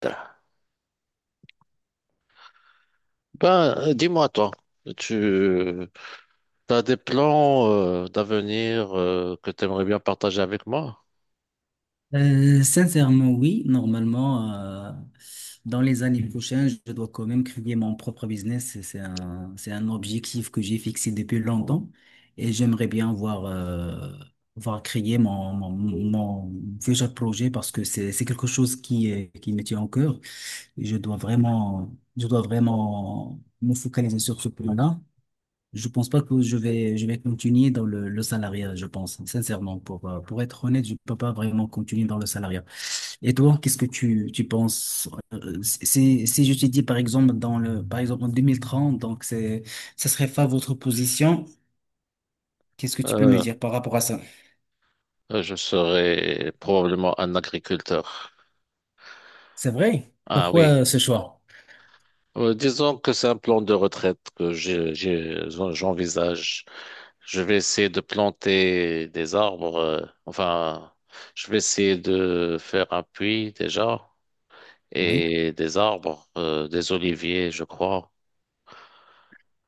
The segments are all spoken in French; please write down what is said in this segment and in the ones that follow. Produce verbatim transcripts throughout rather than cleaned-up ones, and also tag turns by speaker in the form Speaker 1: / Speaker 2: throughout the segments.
Speaker 1: Ben, euh, dis-moi toi, tu as des plans euh, d'avenir euh, que tu aimerais bien partager avec moi?
Speaker 2: Euh, sincèrement, oui. Normalement, euh, dans les années prochaines, je dois quand même créer mon propre business. C'est c'est un, c'est un objectif que j'ai fixé depuis longtemps et j'aimerais bien voir, euh, voir créer mon, mon, mon futur projet parce que c'est, c'est quelque chose qui, est- qui me tient au cœur. Et je dois vraiment, je dois vraiment me focaliser sur ce plan-là. Je pense pas que je vais, je vais continuer dans le, le salariat, je pense, sincèrement. Pour, euh, pour être honnête, je peux pas vraiment continuer dans le salariat. Et toi, qu'est-ce que tu, tu penses? euh, Si, si je te dis, par exemple, dans le, par exemple, en deux mille trente, donc c'est, ça serait pas votre position, qu'est-ce que tu peux me
Speaker 1: Euh,
Speaker 2: dire par rapport à ça?
Speaker 1: euh, je serai probablement un agriculteur.
Speaker 2: C'est vrai?
Speaker 1: Ah
Speaker 2: Pourquoi
Speaker 1: oui.
Speaker 2: euh, ce choix?
Speaker 1: Euh, disons que c'est un plan de retraite que j'ai, j'ai- j'envisage. Je vais essayer de planter des arbres. Euh, enfin, je vais essayer de faire un puits déjà
Speaker 2: Oui,
Speaker 1: et des arbres, euh, des oliviers, je crois.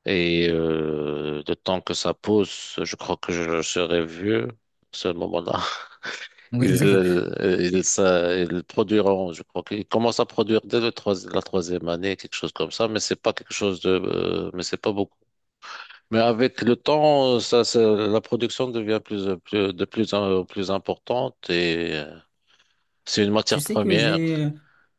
Speaker 1: Et euh, le temps que ça pousse, je crois que je serai vieux. À ce moment-là,
Speaker 2: Oui,
Speaker 1: ils,
Speaker 2: exactement.
Speaker 1: euh, ils, ça- ils produiront, je crois qu'ils commencent à produire dès le trois- la troisième année, quelque chose comme ça, mais c'est pas quelque chose de, euh, mais c'est pas beaucoup. Mais avec le temps, ça, ça- la production devient plus, plus- de plus en plus importante et euh, c'est une
Speaker 2: Tu
Speaker 1: matière
Speaker 2: sais que
Speaker 1: première.
Speaker 2: j'ai,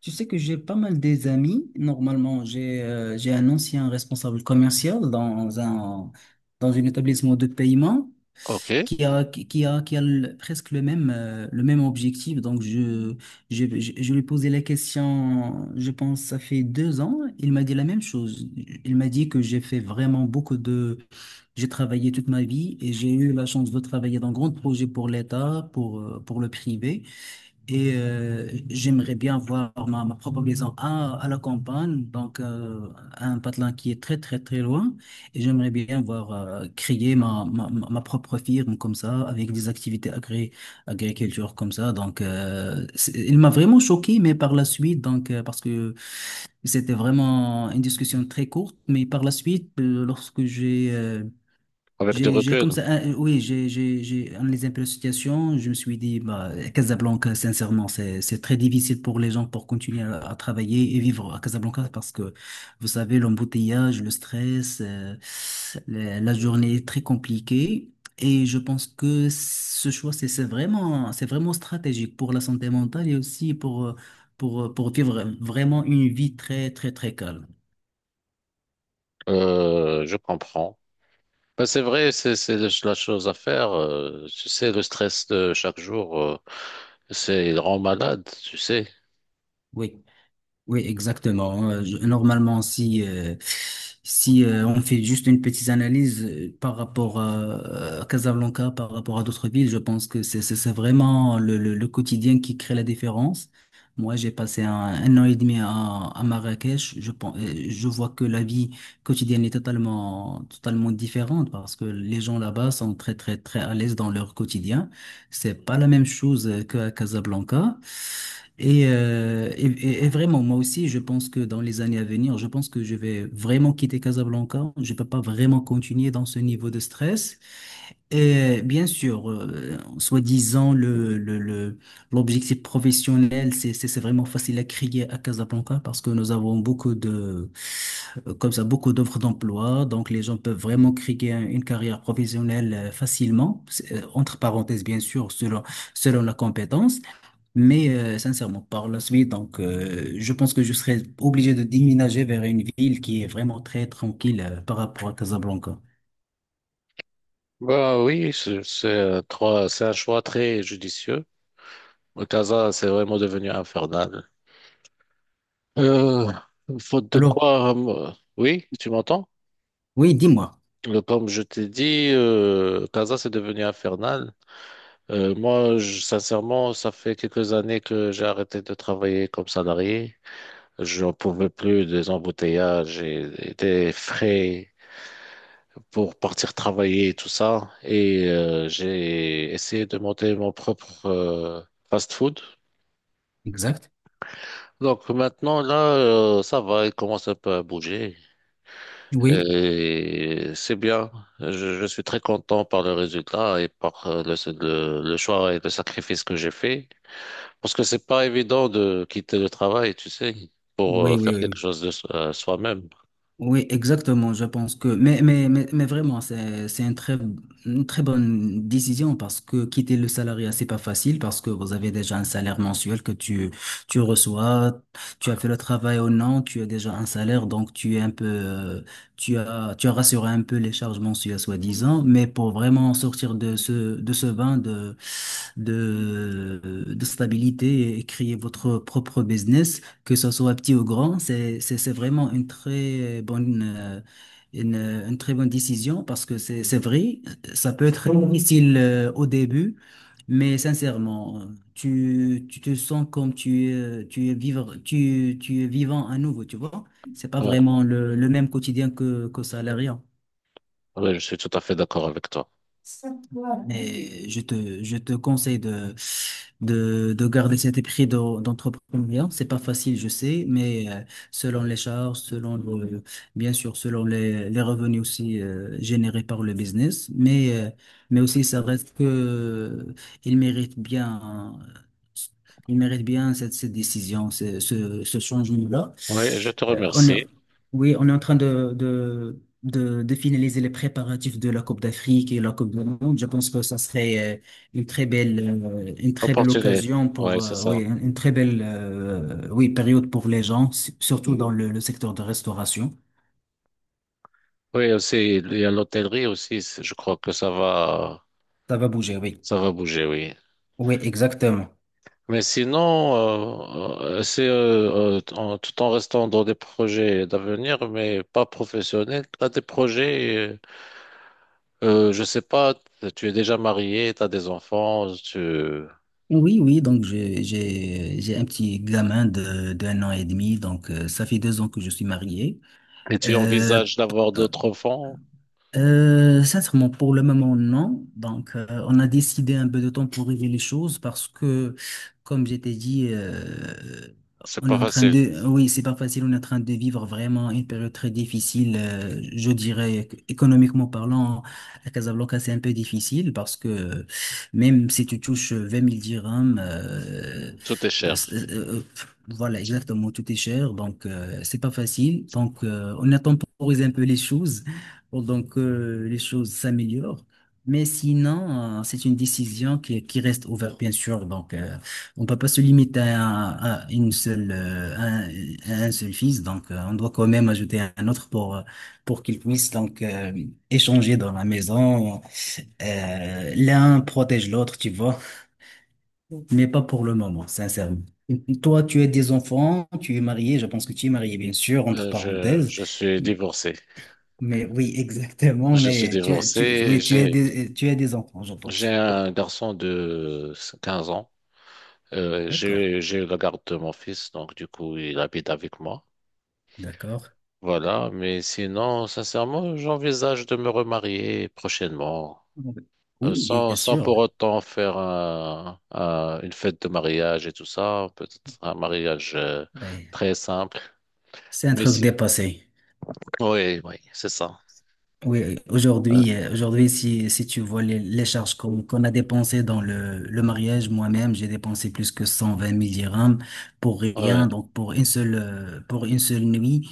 Speaker 2: Tu sais que j'ai pas mal des amis. Normalement, j'ai, euh, j'ai un ancien responsable commercial dans un, dans un établissement de paiement.
Speaker 1: OK,
Speaker 2: qui a, qui a, qui a le- presque le même, euh, le même objectif. Donc, je, je, je, je lui ai posé la question, je pense, ça fait deux ans. Il m'a dit la même chose. Il m'a dit que j'ai fait vraiment beaucoup de… J'ai travaillé toute ma vie et j'ai eu la chance de travailler dans grands projets pour l'État, pour, euh, pour le privé. Et euh, j'aimerais bien voir ma, ma propre maison à, à la campagne, donc euh, à un patelin qui est très très très loin. Et j'aimerais bien voir euh, créer ma, ma, ma ma propre firme comme ça, avec des activités agri agriculture comme ça. Donc euh, c'est- il m'a vraiment choqué, mais par la suite, donc euh, parce que c'était vraiment une discussion très courte, mais par la suite, euh, lorsque j'ai euh,
Speaker 1: avec du
Speaker 2: j'ai, j'ai comme
Speaker 1: recul,
Speaker 2: ça, euh, oui, j'ai, j'ai, j'ai analysé un peu la situation. Je me suis dit, bah, Casablanca, sincèrement, c'est, c'est très difficile pour les gens pour continuer à, à travailler et vivre à Casablanca parce que, vous savez, l'embouteillage, le stress, euh, la, la journée est très compliquée. Et je pense que ce choix, c'est, c'est vraiment, c'est vraiment stratégique pour la santé mentale et aussi pour, euh, pour, euh, pour vivre vraiment une vie très, très, très calme.
Speaker 1: euh, je comprends. Ben, c'est vrai, c'est c'est la chose à faire. Euh, tu sais, le stress de chaque jour, euh, c'est il rend malade, tu sais.
Speaker 2: Oui. Oui, exactement. Euh, je- Normalement, si, euh, si euh, on fait juste une petite analyse euh, par rapport à, à Casablanca, par rapport à d'autres villes, je pense que c'est c'est- c'est vraiment le, le, le quotidien qui crée la différence. Moi, j'ai passé un, un an et demi à, à Marrakech. Je pense, euh, je vois que la vie quotidienne est totalement, totalement différente parce que les gens là-bas sont très, très, très à l'aise dans leur quotidien. C'est pas la même chose euh, qu'à Casablanca. Et, euh, et, et- et vraiment, moi aussi, je pense que dans les années à venir, je pense que je vais vraiment quitter Casablanca. Je peux pas vraiment continuer dans ce niveau de stress. Et bien sûr, euh, soi-disant, le, le, le- l'objectif professionnel, c'est, c'est c'est vraiment facile à crier à Casablanca parce que nous avons beaucoup de, euh, comme ça, beaucoup d'offres d'emploi. Donc, les gens peuvent vraiment crier un- une carrière professionnelle euh, facilement. C'est, euh, entre parenthèses, bien sûr, selon, selon la compétence. Mais euh, sincèrement, par la suite, donc, euh, je pense que je serais obligé de déménager vers une ville qui est vraiment très tranquille euh, par rapport à Casablanca.
Speaker 1: Bah oui, c'est c'est un trois- c'est un choix très judicieux. Le Casa, c'est vraiment devenu infernal. Euh, Faute de
Speaker 2: Alors,
Speaker 1: quoi, euh, oui, tu m'entends?
Speaker 2: oui, dis-moi.
Speaker 1: Euh, Comme je t'ai dit, euh, Casa, c'est devenu infernal. Euh, moi, je- sincèrement, ça fait quelques années que j'ai arrêté de travailler comme salarié. Je n'en pouvais plus des embouteillages et des frais pour partir travailler et tout ça. Et euh, j'ai essayé de monter mon propre euh, fast-food.
Speaker 2: Exact.
Speaker 1: Donc maintenant, là, euh, ça va, il commence un peu à bouger.
Speaker 2: Oui,
Speaker 1: Et c'est bien. Je, je suis très content par le résultat et par euh, le, le, le choix et le sacrifice que j'ai fait. Parce que c'est pas évident de quitter le travail, tu sais, pour
Speaker 2: oui,
Speaker 1: euh, faire
Speaker 2: oui,
Speaker 1: quelque
Speaker 2: oui.
Speaker 1: chose de so- euh, soi-même.
Speaker 2: Oui, exactement, je pense que… Mais, mais, mais, mais vraiment, c'est, c'est une très, une très bonne décision parce que quitter le salariat, c'est pas facile parce que vous avez déjà un salaire mensuel que tu, tu reçois, tu as fait le travail ou non, tu as déjà un salaire, donc tu es un peu… euh, Tu as, tu as rassuré un peu les charges mensuelles, soi-disant, mais pour vraiment sortir de ce, de ce bain de, de stabilité et créer votre propre business, que ce soit petit ou grand, c'est, c'est, c'est vraiment une très bonne, euh, une, une très bonne décision parce que c'est, c'est vrai, ça peut être difficile euh, au début, mais sincèrement, tu, tu te sens comme tu, es- tu es vivre, tu, tu es vivant à nouveau, tu vois. C'est pas
Speaker 1: Voilà.
Speaker 2: vraiment le, le même quotidien que, que salariat.
Speaker 1: ouais Oui, je suis tout à fait d'accord avec toi.
Speaker 2: Et je te, je te conseille de, de, de garder cet esprit d'en- d'entrepreneuriat. C'est pas facile, je sais, mais euh, selon les charges, selon le- bien sûr, selon les, les revenus aussi euh, générés par le business, mais, euh, mais aussi ça reste que il mérite bien, il mérite bien cette, cette décision, ce, ce, ce changement-là.
Speaker 1: Oui, je te
Speaker 2: Euh, on,
Speaker 1: remercie.
Speaker 2: oui, on est en train de, de, de, de finaliser les préparatifs de la Coupe d'Afrique et la Coupe du Monde. Je pense que ça serait euh, une très belle, euh, une très belle
Speaker 1: Opportunité.
Speaker 2: occasion
Speaker 1: Oui,
Speaker 2: pour,
Speaker 1: c'est
Speaker 2: euh,
Speaker 1: ça.
Speaker 2: oui, une une très belle, euh, oui, période pour les gens, s- surtout dans le, le secteur de restauration.
Speaker 1: Oui, aussi, il y a l'hôtellerie aussi. c'est- Je crois que ça va,
Speaker 2: Ça va bouger, oui.
Speaker 1: ça va bouger, oui.
Speaker 2: Oui, exactement.
Speaker 1: Mais sinon, euh, euh, c'est euh, euh, en- tout en restant dans des projets d'avenir, mais pas professionnels. T'as des projets, euh, euh, je sais pas, tu es déjà marié, t'as des enfants, tu...
Speaker 2: Oui, oui, donc j'ai j'ai j'ai un petit gamin de d'un an et demi, donc euh, ça fait deux ans que je suis marié.
Speaker 1: Et tu
Speaker 2: Euh,
Speaker 1: envisages d'avoir d'autres enfants,
Speaker 2: Euh, sincèrement, pour le moment, non. Donc, euh, on a décidé un peu de temps pour régler les choses parce que, comme je t'ai dit, euh,
Speaker 1: c'est
Speaker 2: on est
Speaker 1: pas
Speaker 2: en train
Speaker 1: facile,
Speaker 2: de, oui, c'est pas facile, on est en train de vivre vraiment une période très difficile. Euh, je dirais que, économiquement parlant, à Casablanca, c'est un peu difficile parce que même si tu touches vingt mille dirhams, euh,
Speaker 1: tout est
Speaker 2: euh,
Speaker 1: cher.
Speaker 2: euh, voilà, exactement, tout est cher. Donc, euh, c'est pas facile. Donc, euh, on a temporisé un peu les choses pendant que les choses s'améliorent. Mais sinon, euh, c'est une décision qui, qui reste ouverte, bien sûr. Donc, euh, on ne peut pas se limiter à, à une seule, euh, à un, à un seul fils. Donc, euh, on doit quand même ajouter un autre pour, euh, pour qu'il puisse donc euh, échanger dans la maison. Euh, l'un protège l'autre, tu vois. Mais pas pour le moment, sincèrement. Toi, tu as des enfants, tu es marié. Je pense que tu es marié, bien sûr, entre
Speaker 1: Euh, je,
Speaker 2: parenthèses.
Speaker 1: je suis divorcé.
Speaker 2: Mais oui, exactement.
Speaker 1: Je suis
Speaker 2: Mais tu as,
Speaker 1: divorcé,
Speaker 2: tu,
Speaker 1: et
Speaker 2: oui, tu as
Speaker 1: j'ai,
Speaker 2: des, tu as des enfants, je
Speaker 1: j'ai
Speaker 2: pense.
Speaker 1: un garçon de quinze ans. Euh,
Speaker 2: D'accord,
Speaker 1: je, je regarde mon fils, donc du coup, il habite avec moi.
Speaker 2: d'accord.
Speaker 1: Voilà, mais sinon, sincèrement, j'envisage de me remarier prochainement. Euh,
Speaker 2: Oui,
Speaker 1: sans,
Speaker 2: bien
Speaker 1: sans pour
Speaker 2: sûr.
Speaker 1: autant faire un- un- une fête de mariage et tout ça, peut-être un mariage euh,
Speaker 2: Ouais.
Speaker 1: très simple.
Speaker 2: C'est un
Speaker 1: Mais
Speaker 2: truc
Speaker 1: si...
Speaker 2: dépassé.
Speaker 1: Oui, oui, c'est ça.
Speaker 2: Oui,
Speaker 1: Euh,
Speaker 2: aujourd'hui, euh, aujourd'hui, si, si tu vois les, les charges qu'on qu'on a dépensées dans le, le mariage, moi-même, j'ai dépensé plus que cent vingt mille dirhams pour
Speaker 1: ouais,
Speaker 2: rien, donc pour une seule, euh, pour une seule nuit.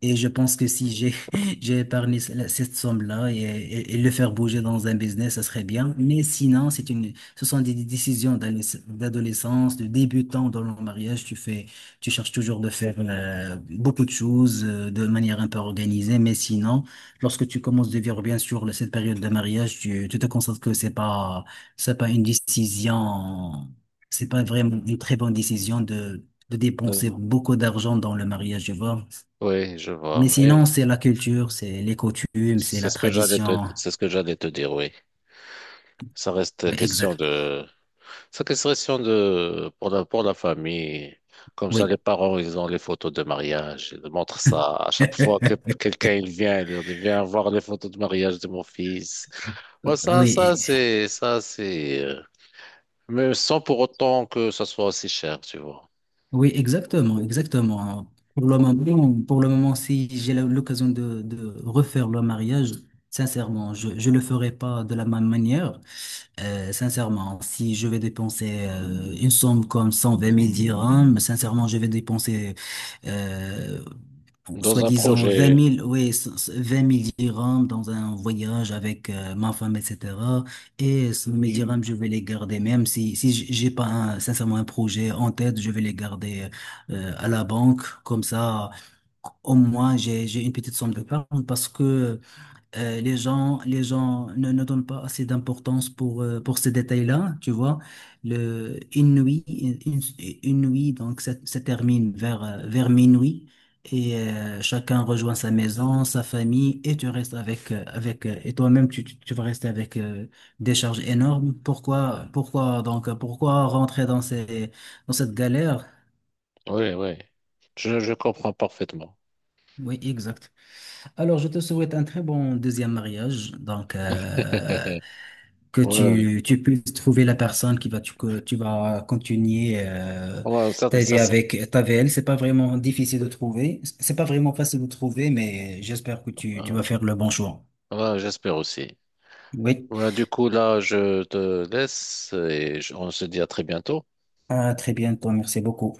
Speaker 2: Et je pense que si j'ai, j'ai épargné ce- cette somme-là et, et- et le faire bouger dans un business, ça serait bien. Mais sinon, c'est une, ce sont des décisions d'adolesc- d'adolescence, de débutant dans le mariage. Tu fais, tu cherches toujours de faire euh, beaucoup de choses euh, de manière un peu organisée, mais sinon, lorsque tu commences de vivre, bien sûr, cette période de mariage, tu, tu te constates que c'est pas, c'est pas une décision, c'est pas vraiment une très bonne décision de, de dépenser
Speaker 1: euh,
Speaker 2: beaucoup d'argent dans le mariage, tu vois.
Speaker 1: oui, je vois.
Speaker 2: Mais
Speaker 1: Mais
Speaker 2: sinon, c'est la culture, c'est les coutumes, c'est
Speaker 1: c'est
Speaker 2: la
Speaker 1: ce que j'allais te,
Speaker 2: tradition.
Speaker 1: c'est ce que j'allais te dire, oui. Ça reste
Speaker 2: Oui,
Speaker 1: question
Speaker 2: exact.
Speaker 1: de séquestration de, pour la, pour la famille. Comme ça, les
Speaker 2: Oui.
Speaker 1: parents, ils ont les photos de mariage. Ils montrent ça à chaque fois que quelqu'un il vient. Ils leur disent, viens voir les photos de mariage de mon fils. Ouais, ça, ça,
Speaker 2: Oui,
Speaker 1: c'est, ça, c'est, euh, mais sans pour autant que ça soit aussi cher, tu vois.
Speaker 2: oui, exactement, exactement. Pour le moment, pour le moment, si j'ai la- l'occasion de, de refaire le mariage, sincèrement, je, je le ferai pas de la même manière. Euh, sincèrement, si je vais dépenser euh, une somme comme cent vingt mille dirhams, sincèrement, je vais dépenser, euh, bon,
Speaker 1: Dans un
Speaker 2: soi-disant, vingt
Speaker 1: projet,
Speaker 2: mille oui, c- c- vingt mille dirhams dans un voyage avec euh, ma femme, et cetera. Et ce- mes dirhams, je vais les garder, même si, si j- j'ai pas, un- sincèrement, un projet en tête, je vais les garder euh, à la banque. Comme ça, au moins, j'ai, j'ai une petite somme de d'épargne parce que euh, les gens, les gens ne, ne donnent pas assez d'importance pour, euh, pour ces détails-là, tu vois. Le, une nuit, une, une nuit, donc ça, ça termine vers, euh, vers minuit et euh, chacun rejoint sa maison, sa famille et tu restes avec, euh, avec euh, et toi-même tu, tu tu vas rester avec euh, des charges énormes. Pourquoi, pourquoi donc, pourquoi rentrer dans ces, dans cette galère?
Speaker 1: oui, oui. Je, je comprends parfaitement.
Speaker 2: Oui, exact. Alors, je te souhaite un très bon deuxième mariage. Donc, euh, que
Speaker 1: Ouais,
Speaker 2: tu, tu puisses trouver la personne qui va, tu, que tu vas continuer euh,
Speaker 1: ouais, ça,
Speaker 2: ta
Speaker 1: ça,
Speaker 2: vie
Speaker 1: ça-
Speaker 2: avec, ta vie elle. C'est pas vraiment difficile de trouver. C'est pas vraiment facile de trouver, mais j'espère que tu, tu vas
Speaker 1: euh,
Speaker 2: faire le bon choix.
Speaker 1: ouais, j'espère aussi.
Speaker 2: Oui.
Speaker 1: Ouais, du coup, là, je te laisse et je- on se dit à très bientôt.
Speaker 2: À très bientôt. Merci beaucoup.